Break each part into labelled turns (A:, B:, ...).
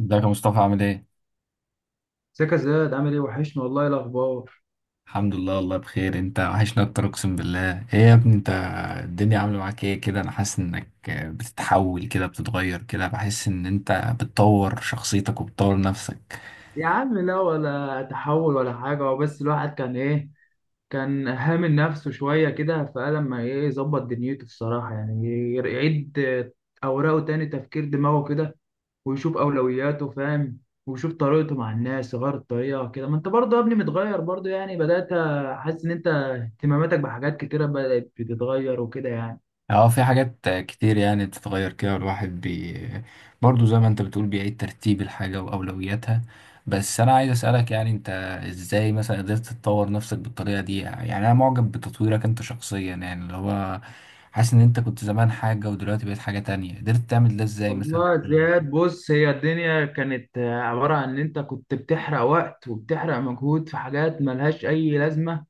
A: ازيك يا مصطفى، عامل ايه؟
B: ازيك يا زياد؟ عامل ايه؟ وحشني والله، إيه الاخبار؟
A: الحمد لله، والله بخير. انت وحشنا اكتر، اقسم بالله. ايه يا ابني، انت الدنيا عامله معاك ايه كده؟ انا حاسس انك بتتحول كده، بتتغير كده، بحس ان انت بتطور شخصيتك وبتطور نفسك.
B: يا عم لا، ولا تحول ولا حاجه، هو بس الواحد كان ايه، كان هامل نفسه شويه كده، فقال لما ايه يظبط دنيته الصراحه، يعني يعيد اوراقه تاني، تفكير دماغه كده، ويشوف اولوياته، فاهم؟ ويشوف طريقته مع الناس، يغير الطريقه كده. ما انت برضه يا ابني متغير برضه يعني، بدات احس ان انت اهتماماتك بحاجات كتيره بدات بتتغير وكده يعني.
A: اه، في حاجات كتير يعني بتتغير كده، والواحد برضه زي ما انت بتقول بيعيد ترتيب الحاجة وأولوياتها. بس أنا عايز أسألك، يعني انت ازاي مثلا قدرت تطور نفسك بالطريقة دي؟ يعني أنا معجب بتطويرك انت شخصيا، يعني اللي هو حاسس إن انت كنت زمان حاجة ودلوقتي بقيت حاجة تانية. قدرت تعمل ده ازاي مثلا؟
B: والله زياد، بص، هي الدنيا كانت عبارة عن إن أنت كنت بتحرق وقت وبتحرق مجهود في حاجات ملهاش أي لازمة،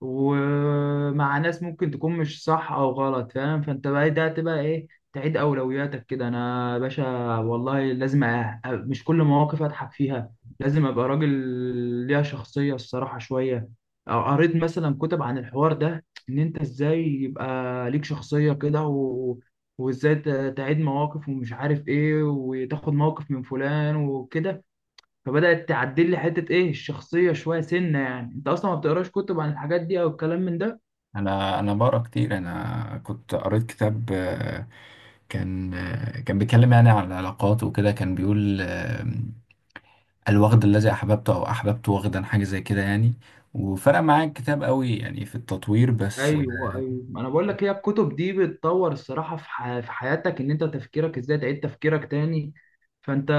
B: ومع ناس ممكن تكون مش صح او غلط، فاهم؟ فانت بقى ده تبقى ايه، تعيد اولوياتك كده. انا يا باشا والله لازم مش كل مواقف اضحك فيها، لازم ابقى راجل ليها شخصية الصراحة شوية. أو قريت مثلا كتب عن الحوار ده، ان انت ازاي يبقى ليك شخصية كده، وازاي تعيد مواقف ومش عارف ايه، وتاخد موقف من فلان وكده. فبدأت تعدل لي حتة إيه الشخصية شوية سنة. يعني أنت أصلا ما بتقراش كتب عن الحاجات دي أو الكلام من ده؟
A: أنا بقرأ كتير. أنا كنت قريت كتاب، كان كان بيتكلم يعني عن العلاقات وكده، كان بيقول: الوغد الذي أحببته، أو أحببت وغدا، حاجة زي كده يعني. وفرق معايا الكتاب قوي يعني في التطوير. بس
B: أيوه أيوه، ما أنا بقول لك هي الكتب دي بتطور الصراحة في حياتك، إن أنت تفكيرك إزاي تعيد تفكيرك تاني. فأنت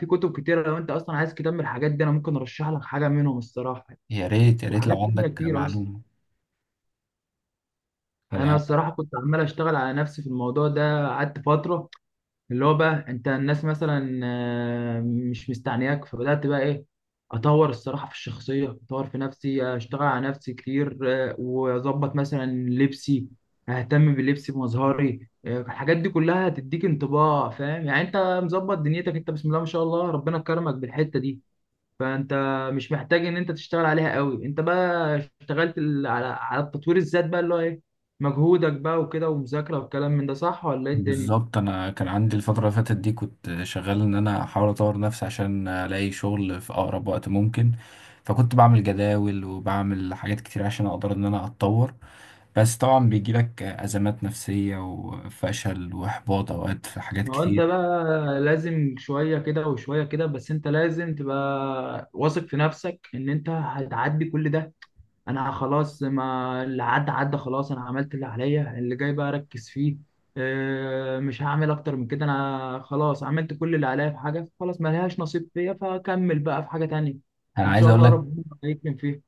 B: في كتب كتيرة، لو أنت أصلا عايز كتاب من الحاجات دي أنا ممكن أرشح لك حاجة منهم الصراحة يعني.
A: يا ريت يا ريت
B: وحاجات
A: لو
B: تانية
A: عندك
B: كتير أصلا.
A: معلومة.
B: أنا
A: أنا،
B: الصراحة كنت عمال أشتغل على نفسي في الموضوع ده، قعدت فترة اللي هو بقى انت الناس مثلا مش مستعنياك، فبدات بقى ايه، اطور الصراحه في الشخصيه، اطور في نفسي، اشتغل على نفسي كتير. واظبط مثلا لبسي، اهتم بلبسي بمظهري. الحاجات دي كلها هتديك انطباع، فاهم يعني، انت مظبط دنيتك، انت بسم الله ما شاء الله ربنا كرمك بالحته دي. فانت مش محتاج ان انت تشتغل عليها قوي، انت بقى اشتغلت على التطوير الذات بقى، اللي هو ايه، مجهودك بقى وكده ومذاكره والكلام من ده. صح ولا ايه الدنيا؟
A: بالظبط، أنا كان عندي الفترة اللي فاتت دي كنت شغال إن أنا أحاول أطور نفسي عشان ألاقي شغل في أقرب وقت ممكن. فكنت بعمل جداول وبعمل حاجات كتير عشان أقدر إن أنا أتطور. بس طبعا بيجيلك أزمات نفسية وفشل وإحباط أوقات في حاجات
B: ما هو انت
A: كتير.
B: بقى لازم شوية كده وشوية كده، بس انت لازم تبقى واثق في نفسك ان انت هتعدي كل ده. انا خلاص، ما اللي عدى عدى خلاص، انا عملت اللي عليا، اللي جاي بقى اركز فيه. اه، مش هعمل اكتر من كده، انا خلاص عملت كل اللي عليا، في حاجة خلاص ما لهاش نصيب فيا، فكمل بقى في حاجة تانية.
A: أنا
B: وان
A: عايز
B: شاء
A: أقول
B: الله
A: لك،
B: ربنا يكرم فيها.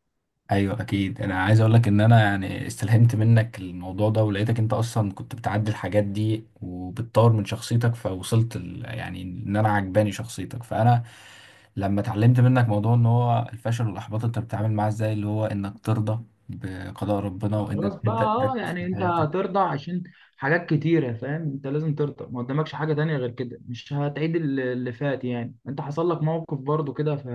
A: ايوه اكيد. انا عايز اقول لك ان انا يعني استلهمت منك الموضوع ده، ولقيتك انت اصلا كنت بتعدي الحاجات دي وبتطور من شخصيتك، فوصلت يعني ان انا عجباني شخصيتك. فانا لما اتعلمت منك موضوع ان هو الفشل والاحباط انت بتتعامل معاه ازاي، اللي هو انك ترضى بقضاء ربنا وانك
B: خلاص بقى،
A: تبدا
B: اه
A: تركز في
B: يعني انت
A: حياتك.
B: هترضى عشان حاجات كتيرة، فاهم؟ انت لازم ترضى، ما قدامكش حاجة تانية غير كده، مش هتعيد اللي فات. يعني انت حصل لك موقف برضو كده، ف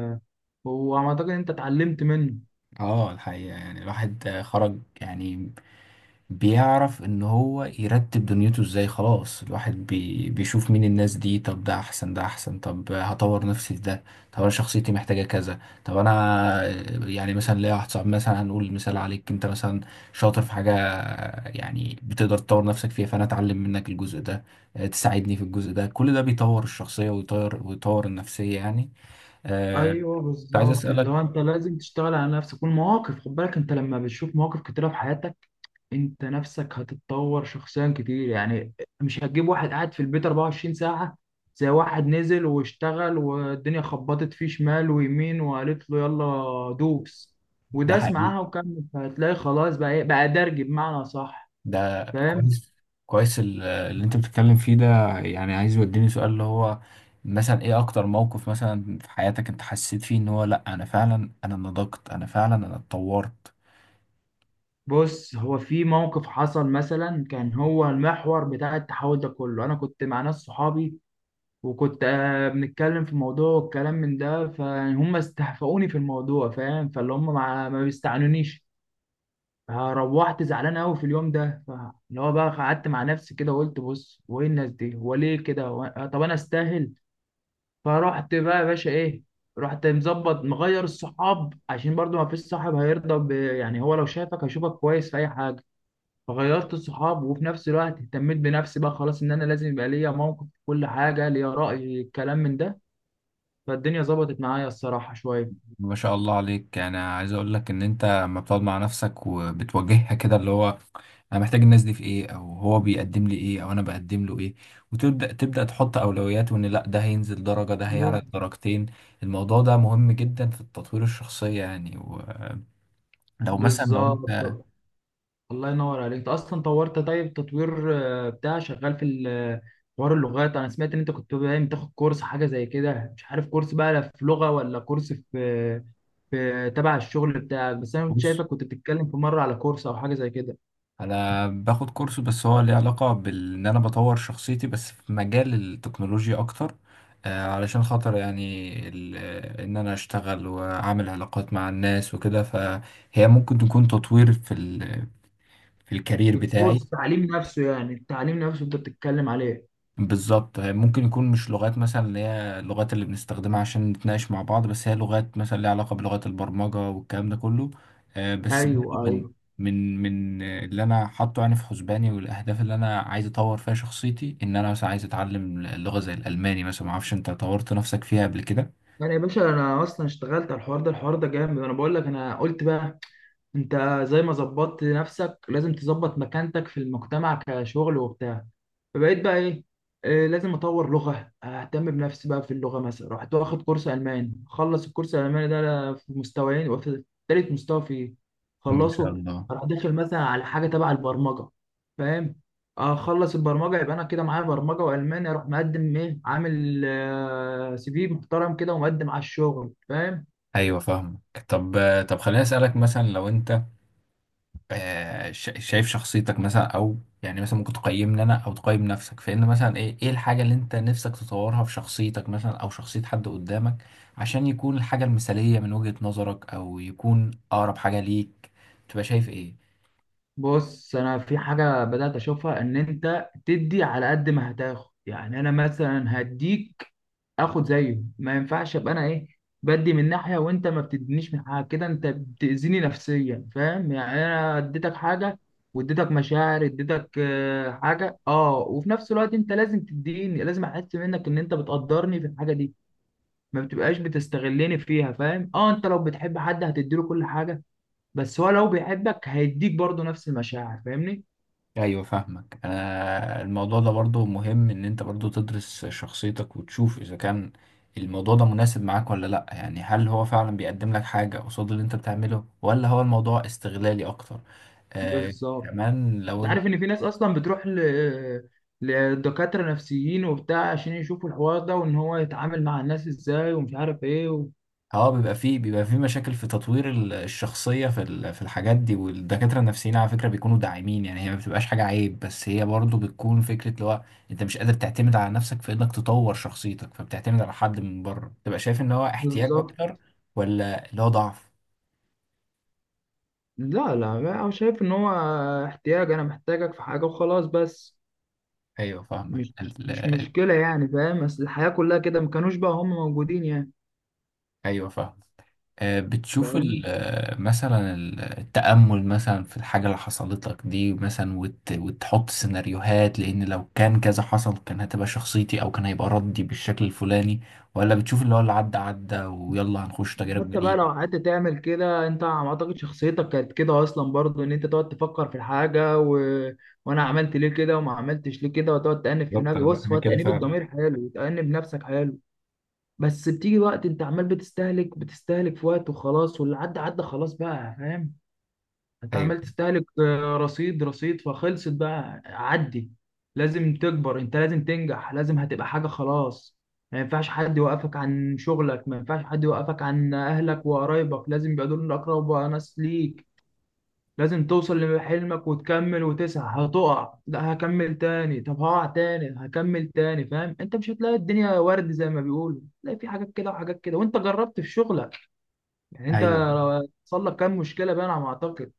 B: وعم اعتقد انت اتعلمت منه.
A: اه، الحقيقه يعني الواحد خرج يعني بيعرف ان هو يرتب دنيته ازاي. خلاص الواحد بيشوف مين الناس دي. طب ده احسن، ده احسن، طب هطور نفسي في ده. طب انا شخصيتي محتاجة كذا. طب انا يعني مثلا ليا واحد صاحبي، مثلا هنقول مثال عليك انت مثلا، شاطر في حاجة، يعني بتقدر تطور نفسك فيها، فانا اتعلم منك الجزء ده. تساعدني في الجزء ده. كل ده بيطور الشخصية ويطور النفسية يعني. آه،
B: ايوه
A: كنت عايز
B: بالظبط، اللي
A: اسألك.
B: هو انت لازم تشتغل على نفسك والمواقف، خد بالك انت لما بتشوف مواقف كتيرة في حياتك، انت نفسك هتتطور شخصيا كتير يعني. مش هتجيب واحد قاعد في البيت 24 ساعة زي واحد نزل واشتغل والدنيا خبطت فيه شمال ويمين وقالت له يلا دوس،
A: ده
B: وداس
A: حقيقي،
B: معاها وكمل، فهتلاقي خلاص بقى ايه، بقى درج بمعنى صح.
A: ده
B: فاهم؟
A: كويس. كويس اللي انت بتتكلم فيه ده، يعني عايز يوديني سؤال اللي هو مثلا ايه اكتر موقف مثلا في حياتك انت حسيت فيه ان هو، لا، انا فعلا انا نضجت، انا فعلا انا اتطورت.
B: بص هو في موقف حصل مثلا كان هو المحور بتاع التحول ده كله، انا كنت مع ناس صحابي، وكنت بنتكلم في موضوع والكلام من ده، فهم استهفؤوني في الموضوع، فاهم؟ فاللي هم ما بيستعنونيش. ها، روحت زعلان قوي في اليوم ده، اللي هو بقى قعدت مع نفسي كده وقلت بص هو ايه الناس دي، هو ليه كده، طب انا استاهل؟ فرحت بقى يا باشا ايه، رحت مظبط، مغير الصحاب، عشان برضو ما فيش صاحب هيرضى يعني، هو لو شافك هيشوفك كويس في اي حاجه. فغيرت الصحاب، وفي نفس الوقت اهتميت بنفسي بقى خلاص، ان انا لازم يبقى ليا موقف في كل حاجه، ليا راي، الكلام من ده. فالدنيا ظبطت معايا الصراحه شويه.
A: ما شاء الله عليك. يعني عايز اقول لك ان انت لما بتقعد مع نفسك وبتواجهها كده، اللي هو انا محتاج الناس دي في ايه، او هو بيقدم لي ايه، او انا بقدم له ايه، وتبدا تحط اولويات، وان لا ده هينزل درجه، ده هيعلى
B: بز-
A: درجتين. الموضوع ده مهم جدا في التطوير الشخصيه يعني. لو مثلا لو
B: بالظبط.
A: انت...
B: الله ينور عليك، انت اصلا طورت. طيب تطوير بتاع شغال في حوار اللغات، انا سمعت ان انت كنت باين بتاخد كورس حاجه زي كده، مش عارف كورس بقى لا في لغه ولا كورس في في تبع الشغل بتاعك، بس انا كنت
A: بص،
B: شايفك كنت بتتكلم في مره على كورس او حاجه زي كده.
A: انا باخد كورس، بس هو ليه علاقه بان انا بطور شخصيتي، بس في مجال التكنولوجيا اكتر. علشان خاطر يعني ان انا اشتغل واعمل علاقات مع الناس وكده، فهي ممكن تكون تطوير في في الكارير
B: في الكورس
A: بتاعي.
B: التعليم نفسه، يعني التعليم نفسه انت بتتكلم عليه؟
A: بالظبط، ممكن يكون مش لغات مثلا اللي هي اللغات اللي بنستخدمها عشان نتناقش مع بعض، بس هي لغات مثلا ليها علاقة بلغات البرمجة والكلام ده كله. بس برضه
B: ايوه
A: من
B: ايوه.
A: من من آه، اللي انا حاطه يعني في حسباني والاهداف اللي انا عايز اطور فيها شخصيتي، ان انا مثلا عايز اتعلم لغة زي الالماني مثلا. ما اعرفش انت طورت نفسك فيها قبل كده.
B: يعني يا باشا انا اصلا اشتغلت على الحوار ده، الحوار ده جامد، انا بقول لك، انا قلت بقى انت زي ما ظبطت نفسك لازم تظبط مكانتك في المجتمع كشغل وبتاع. فبقيت بقى ايه، لازم اطور لغه، اهتم بنفسي بقى في اللغه، مثلا رحت واخد كورس الماني، خلص الكورس الالماني ده في مستويين وفي تالت مستوى فيه
A: ما شاء
B: خلصه.
A: الله.
B: اروح داخل مثلا على حاجه تبع البرمجه، فاهم؟ اخلص البرمجه، يبقى انا كده معايا برمجه والماني، اروح مقدم ايه، عامل سي في محترم كده، ومقدم على الشغل. فاهم؟
A: ايوه فاهمك. طب طب خليني اسالك، مثلا لو انت شايف شخصيتك مثلا، او يعني مثلا ممكن تقيمني انا او تقيم نفسك، فان مثلا ايه الحاجه اللي انت نفسك تطورها في شخصيتك مثلا او شخصيه حد قدامك عشان يكون الحاجه المثاليه من وجهه نظرك، او يكون اقرب حاجه ليك، تبقى شايف ايه؟
B: بص انا في حاجه بدات اشوفها، ان انت تدي على قد ما هتاخد، يعني انا مثلا هديك اخد زيه، ما ينفعش ابقى انا ايه، بدي من ناحيه وانت ما بتدينيش من حاجه كده، انت بتاذيني نفسيا، فاهم يعني؟ انا اديتك حاجه واديتك مشاعر، اديتك حاجه، اه، وفي نفس الوقت انت لازم تديني، لازم احس منك ان انت بتقدرني في الحاجه دي، ما بتبقاش بتستغلني فيها. فاهم؟ اه، انت لو بتحب حد هتديله كل حاجه، بس هو لو بيحبك هيديك برضه نفس المشاعر. فاهمني؟
A: ايوه فاهمك. انا الموضوع ده برضو مهم ان انت برضو تدرس شخصيتك وتشوف اذا كان الموضوع ده مناسب معاك ولا لا. يعني هل هو فعلا بيقدم لك حاجه قصاد اللي انت بتعمله، ولا هو الموضوع استغلالي اكتر؟ آه،
B: بالظبط.
A: كمان لو...
B: انت عارف ان في ناس اصلا بتروح لدكاترة نفسيين وبتاع عشان يشوفوا الحوار ده، وان هو يتعامل مع الناس ازاي ومش عارف ايه و...
A: اه، بيبقى فيه مشاكل في تطوير الشخصية في في الحاجات دي. والدكاترة النفسيين على فكرة بيكونوا داعمين، يعني هي ما بتبقاش حاجة عيب، بس هي برضو بتكون فكرة اللي هو انت مش قادر تعتمد على نفسك في انك تطور شخصيتك، فبتعتمد على حد من بره. تبقى شايف ان هو احتياج
B: بالظبط.
A: اكتر، ولا اللي هو ضعف؟
B: لا لا، انا شايف ان هو احتياج، انا محتاجك في حاجة وخلاص، بس.
A: ايوه فاهمك
B: مش مش مشكلة يعني، فاهم؟ بس الحياة كلها كده، ما كانوش بقى هم موجودين يعني.
A: ايوه فاهم. بتشوف
B: فاهم؟
A: مثلا التأمل مثلا في الحاجة اللي حصلت لك دي مثلا، وتحط سيناريوهات، لأن لو كان كذا حصل كان هتبقى شخصيتي، أو كان هيبقى ردي بالشكل الفلاني، ولا بتشوف اللي هو اللي عدى عدى ويلا هنخش تجارب
B: حتى بقى
A: جديدة؟
B: لو قعدت تعمل كده، انت ما اعتقد شخصيتك كانت كده اصلا، برضو ان انت تقعد تفكر في الحاجه و... وانا عملت ليه كده وما عملتش ليه كده، وتقعد تأنب في
A: بالظبط.
B: نفسك.
A: انا
B: بص
A: انا
B: هو
A: كده
B: تأنيب
A: فعلا.
B: الضمير حلو، وتأنب نفسك حلو، بس بتيجي وقت انت عمال بتستهلك بتستهلك في وقت، وخلاص واللي عدى عدى، خلاص بقى. فاهم؟ انت
A: ايوه
B: عمال تستهلك رصيد رصيد، فخلصت بقى، عدي. لازم تكبر، انت لازم تنجح، لازم هتبقى حاجة خلاص. ما ينفعش حد يوقفك عن شغلك، ما ينفعش حد يوقفك عن اهلك وقرايبك، لازم يبقى دول اقرب ناس ليك. لازم توصل لحلمك وتكمل وتسعى، هتقع، لا هكمل تاني، طب هقع تاني هكمل تاني. فاهم؟ انت مش هتلاقي الدنيا ورد زي ما بيقولوا، تلاقي في حاجات كده وحاجات كده، وانت جربت في شغلك يعني،
A: ايوه.
B: انت حصل لك كام مشكلة بقى، انا ما اعتقد.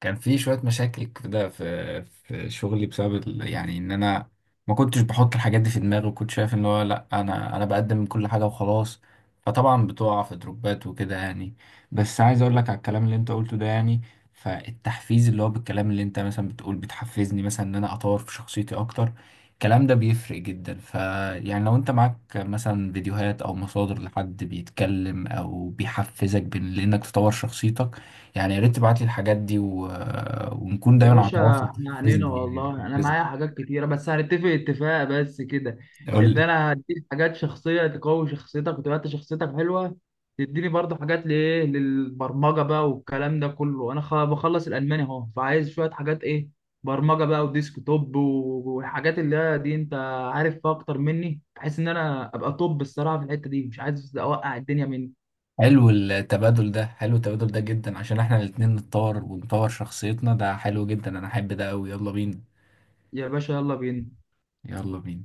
A: كان في شوية مشاكل كده في شغلي بسبب يعني ان انا ما كنتش بحط الحاجات دي في دماغي، وكنت شايف ان هو، لا، انا بقدم كل حاجة وخلاص. فطبعا بتقع في دروبات وكده يعني. بس عايز اقول لك على الكلام اللي انت قلته ده، يعني فالتحفيز اللي هو بالكلام اللي انت مثلا بتقول بتحفزني مثلا ان انا اطور في شخصيتي اكتر، الكلام ده بيفرق جدا. فيعني لو انت معاك مثلا فيديوهات او مصادر لحد بيتكلم او بيحفزك بان لانك تطور شخصيتك، يعني يا ريت تبعت لي الحاجات دي ونكون
B: يا
A: دايما على
B: باشا
A: تواصل.
B: احنا عنينا
A: تحفزني
B: والله،
A: يعني
B: انا
A: تحفزني.
B: معايا حاجات كتيره، بس هنتفق اتفاق بس كده،
A: قول
B: ان
A: لي.
B: انا هديك حاجات شخصيه تقوي شخصيتك وتبقى انت شخصيتك حلوه، تديني برضه حاجات لايه للبرمجه بقى والكلام ده كله، انا بخلص الالماني اهو، فعايز شويه حاجات ايه، برمجه بقى وديسك توب والحاجات اللي هي دي انت عارف فيها اكتر مني، بحيث ان انا ابقى توب الصراحه في الحته دي، مش عايز اوقع الدنيا مني.
A: حلو التبادل ده، حلو التبادل ده جدا عشان احنا الاتنين نتطور ونطور شخصيتنا. ده حلو جدا، انا احب ده قوي. يلا بينا.
B: يا باشا يلا بينا.
A: يلا بينا.